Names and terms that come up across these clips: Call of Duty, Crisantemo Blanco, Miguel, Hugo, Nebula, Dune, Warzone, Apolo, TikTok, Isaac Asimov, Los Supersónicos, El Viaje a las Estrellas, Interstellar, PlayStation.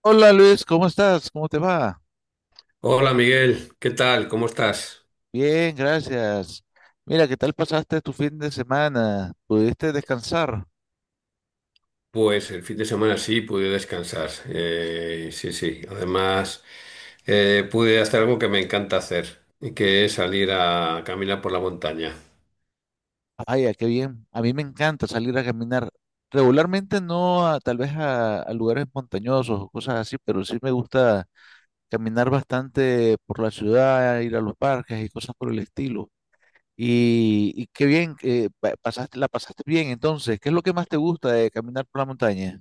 Hola Luis, ¿cómo estás? ¿Cómo te va? Hola Miguel, ¿qué tal? ¿Cómo estás? Bien, gracias. Mira, ¿qué tal pasaste tu fin de semana? ¿Pudiste descansar? Pues el fin de semana sí pude descansar. Sí, sí. Además, pude hacer algo que me encanta hacer, y que es salir a caminar por la montaña. Vaya, qué bien. A mí me encanta salir a caminar. Regularmente no, tal vez a lugares montañosos o cosas así, pero sí me gusta caminar bastante por la ciudad, ir a los parques y cosas por el estilo. Y qué bien, que pasaste, la pasaste bien entonces. ¿Qué es lo que más te gusta de caminar por la montaña?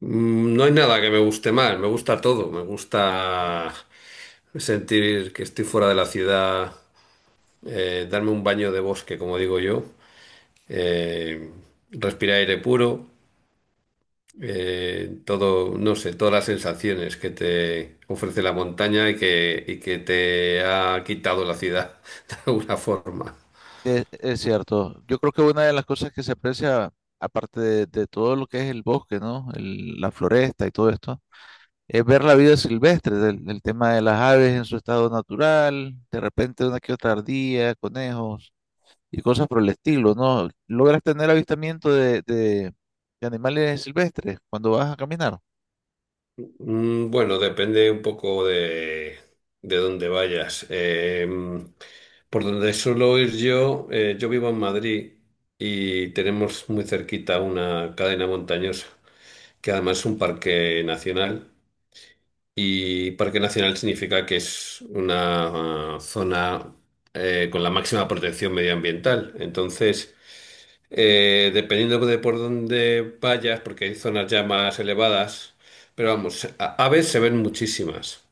Mm, no hay nada que me guste más, me gusta todo. Me gusta sentir que estoy fuera de la ciudad, darme un baño de bosque, como digo yo, eh, respirar aire puro. Todo, no sé, todas las sensaciones que te ofrece la montaña y que te ha quitado la ciudad de alguna forma. Es cierto. Yo creo que una de las cosas que se aprecia, aparte de todo lo que es el bosque, ¿no? La floresta y todo esto, es ver la vida silvestre, del tema de las aves en su estado natural, de repente una que otra ardilla, conejos y cosas por el estilo, ¿no? Logras tener avistamiento de de animales silvestres cuando vas a caminar. Mm, bueno, depende un poco de dónde vayas. Por donde suelo ir yo, yo vivo en Madrid y tenemos muy cerquita una cadena montañosa, que además es un parque nacional. Y parque nacional significa que es una zona con la máxima protección medioambiental. Entonces, dependiendo de por dónde vayas, porque hay zonas ya más elevadas, pero vamos, aves se ven muchísimas.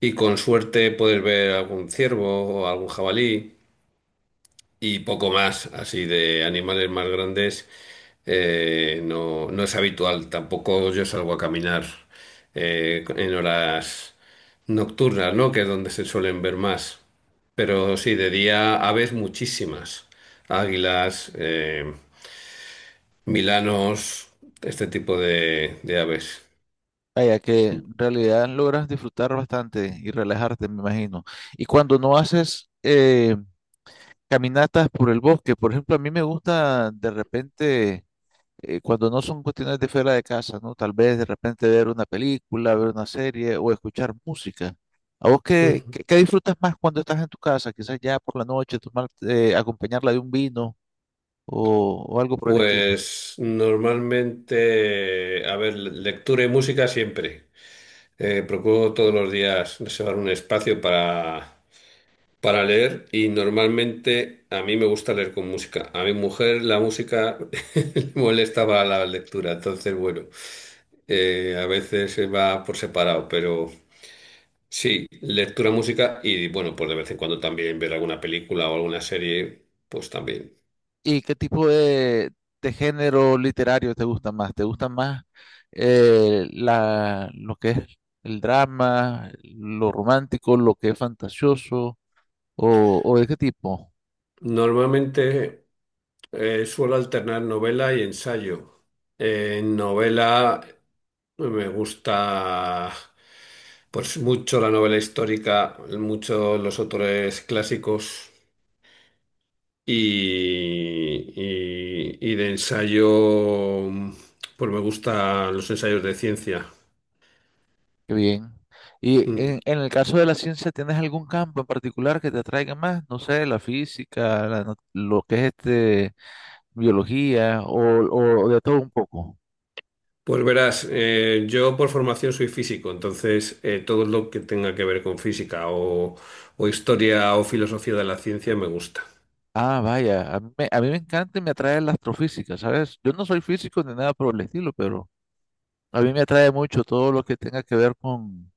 Y con suerte puedes ver algún ciervo o algún jabalí y poco más, así de animales más grandes, no, no es habitual. Tampoco yo salgo a caminar en horas nocturnas, ¿no? Que es donde se suelen ver más. Pero sí, de día aves muchísimas. Águilas, milanos, este tipo de aves. Vaya, que en realidad logras disfrutar bastante y relajarte, me imagino. Y cuando no haces... caminatas por el bosque, por ejemplo, a mí me gusta de repente, cuando no son cuestiones de fuera de casa, ¿no? Tal vez de repente ver una película, ver una serie o escuchar música. ¿A vos qué, Ujú. qué, qué disfrutas más cuando estás en tu casa? Quizás ya por la noche, tomar, acompañarla de un vino o algo por el estilo. Pues normalmente, a ver, lectura y música siempre. Procuro todos los días reservar un espacio para leer y normalmente a mí me gusta leer con música. A mi mujer la música le molesta para la lectura, entonces bueno, a veces se va por separado, pero sí, lectura, música y bueno, pues de vez en cuando también ver alguna película o alguna serie, pues también. ¿Y qué tipo de género literario te gusta más? ¿Te gusta más la, lo que es el drama, lo romántico, lo que es fantasioso? O de qué tipo? Normalmente suelo alternar novela y ensayo. En novela, pues me gusta pues mucho la novela histórica, mucho los autores clásicos y, y de ensayo, pues me gustan los ensayos de ciencia. Qué bien. Y Mm. En el caso de la ciencia, ¿tienes algún campo en particular que te atraiga más? No sé, la física, la no- lo que es este, biología o de todo un poco. Pues verás, yo por formación soy físico, entonces todo lo que tenga que ver con física o historia o filosofía de la ciencia me gusta. Ah, vaya, a mí me encanta y me atrae la astrofísica, ¿sabes? Yo no soy físico ni nada por el estilo, pero a mí me atrae mucho todo lo que tenga que ver con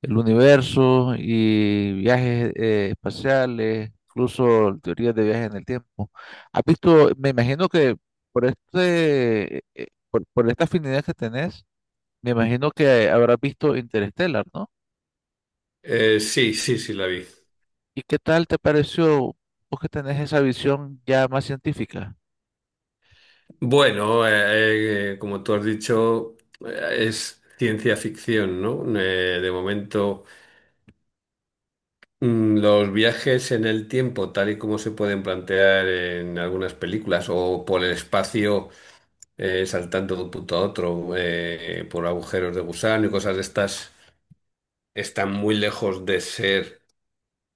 el universo y viajes espaciales, incluso teorías de viajes en el tiempo. ¿Has visto? Me imagino que por por esta afinidad que tenés, me imagino que habrás visto Interstellar, ¿no? Sí, sí, sí, la vi. ¿Y qué tal te pareció vos que tenés esa visión ya más científica? Bueno, como tú has dicho, es ciencia ficción, ¿no? De momento, los viajes en el tiempo, tal y como se pueden plantear en algunas películas, o por el espacio, saltando de un punto a otro, por agujeros de gusano y cosas de estas, están muy lejos de ser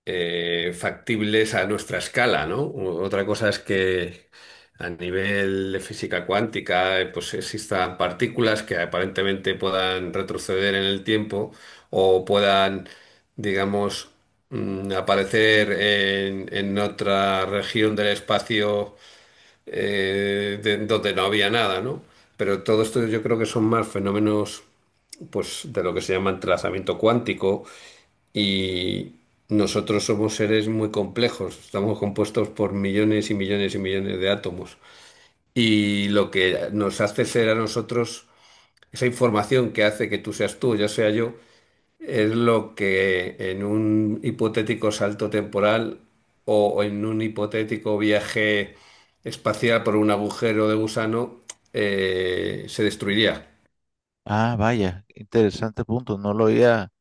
factibles a nuestra escala, ¿no? Otra cosa es que a nivel de física cuántica, pues existan partículas que aparentemente puedan retroceder en el tiempo o puedan, digamos, aparecer en otra región del espacio donde no había nada, ¿no? Pero todo esto yo creo que son más fenómenos pues de lo que se llama entrelazamiento cuántico y nosotros somos seres muy complejos, estamos compuestos por millones y millones y millones de átomos. Y lo que nos hace ser a nosotros, esa información que hace que tú seas tú, yo sea yo, es lo que en un hipotético salto temporal o en un hipotético viaje espacial por un agujero de gusano se destruiría. Ah, vaya, interesante punto, no lo había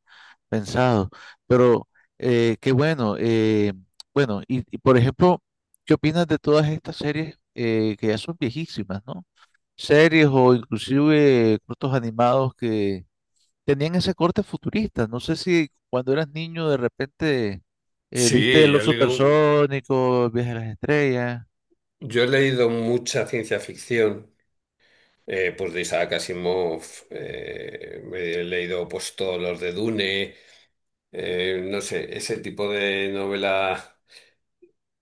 pensado. Pero qué bueno. Bueno, por ejemplo, ¿qué opinas de todas estas series que ya son viejísimas, ¿no? Series o inclusive cortos animados que tenían ese corte futurista. No sé si cuando eras niño de repente viste Sí, Los Supersónicos, El Viaje a las Estrellas. yo he leído mucha ciencia ficción. Pues de Isaac Asimov me he leído pues todos los de Dune, no sé, ese tipo de novela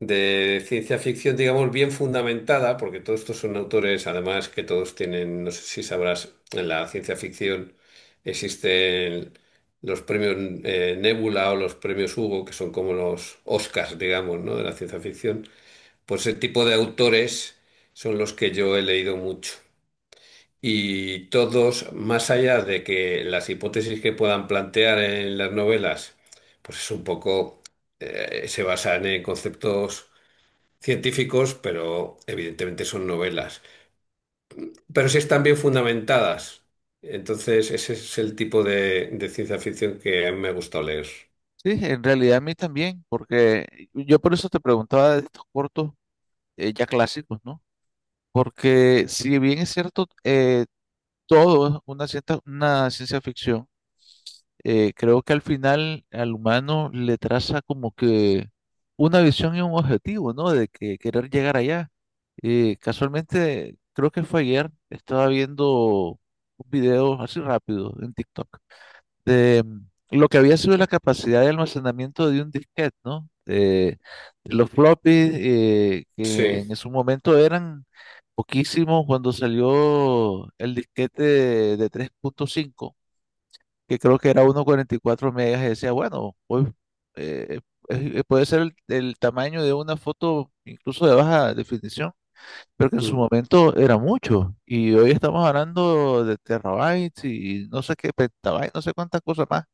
de ciencia ficción, digamos, bien fundamentada, porque todos estos son autores, además que todos tienen, no sé si sabrás, en la ciencia ficción existen los premios Nebula o los premios Hugo, que son como los Oscars, digamos, ¿no?, de la ciencia ficción. Pues ese tipo de autores son los que yo he leído mucho. Y todos, más allá de que las hipótesis que puedan plantear en las novelas, pues es un poco, se basan en conceptos científicos, pero evidentemente son novelas. Pero sí están bien fundamentadas. Entonces, ese es el tipo de ciencia ficción que a mí me gusta leer. Sí, en realidad a mí también, porque yo por eso te preguntaba de estos cortos ya clásicos, ¿no? Porque si bien es cierto, todo una cierta, una ciencia ficción. Creo que al final al humano le traza como que una visión y un objetivo, ¿no? De que querer llegar allá. Casualmente, creo que fue ayer, estaba viendo un video así rápido en TikTok de lo que había sido la capacidad de almacenamiento de un disquete, ¿no? De los floppies, que en Sí, su momento eran poquísimo cuando salió el disquete de 3.5, que creo que era 1.44 megas, y decía, bueno, hoy eh, puede ser el tamaño de una foto incluso de baja definición, pero que en su mm, momento era mucho. Y hoy estamos hablando de terabytes y no sé qué, petabytes, no sé cuántas cosas más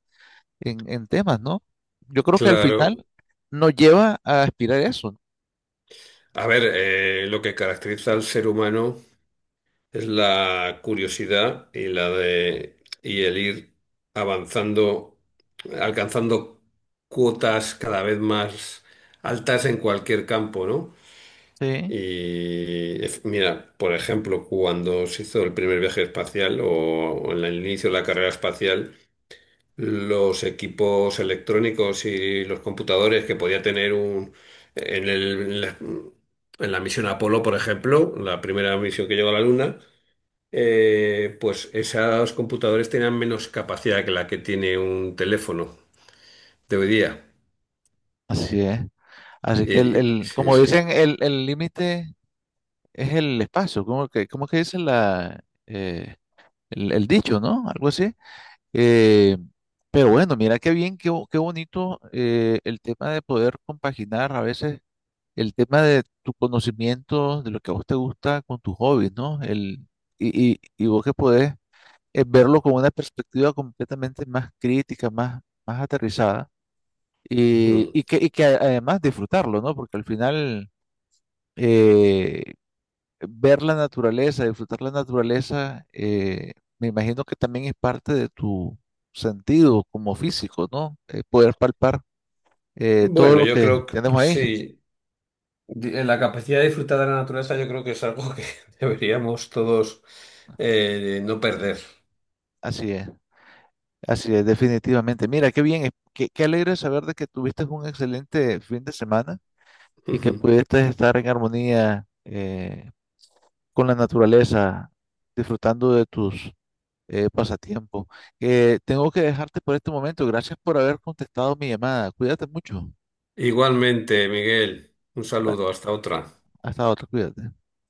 en temas, ¿no? Yo creo que al final claro. nos lleva a aspirar eso. A ver, lo que caracteriza al ser humano es la curiosidad y la de y el ir avanzando, alcanzando cuotas cada vez más altas en cualquier campo, ¿no? Sí, Mira, por ejemplo, cuando se hizo el primer viaje espacial o en el inicio de la carrera espacial, los equipos electrónicos y los computadores que podía tener un en el- en la en la misión Apolo, por ejemplo, la primera misión que llegó a la Luna, pues esos computadores tenían menos capacidad que la que tiene un teléfono de hoy día. así es. Así que Sí, como sí. dicen, el límite es el espacio, cómo que dice la, el dicho, ¿no? Algo así. Eh, pero bueno, mira qué bien, qué, qué bonito el tema de poder compaginar a veces el tema de tu conocimiento, de lo que a vos te gusta con tus hobbies, ¿no? Y vos que podés verlo con una perspectiva completamente más crítica, más, más aterrizada, Ujú. Y que además disfrutarlo, ¿no? Porque al final... eh, ver la naturaleza, disfrutar la naturaleza, me imagino que también es parte de tu sentido como físico, ¿no? Poder palpar todo Bueno, lo yo que creo que tenemos ahí. sí. La capacidad de disfrutar de la naturaleza yo creo que es algo que deberíamos todos no perder. Así es, así es, definitivamente. Mira, qué bien, qué alegre saber de que tuviste un excelente fin de semana y que Ujú. pudiste estar en armonía con la naturaleza, disfrutando de tus pasatiempos. Tengo que dejarte por este momento. Gracias por haber contestado mi llamada. Cuídate mucho. Igualmente, Miguel, un saludo, hasta otra. Hasta otra, cuídate.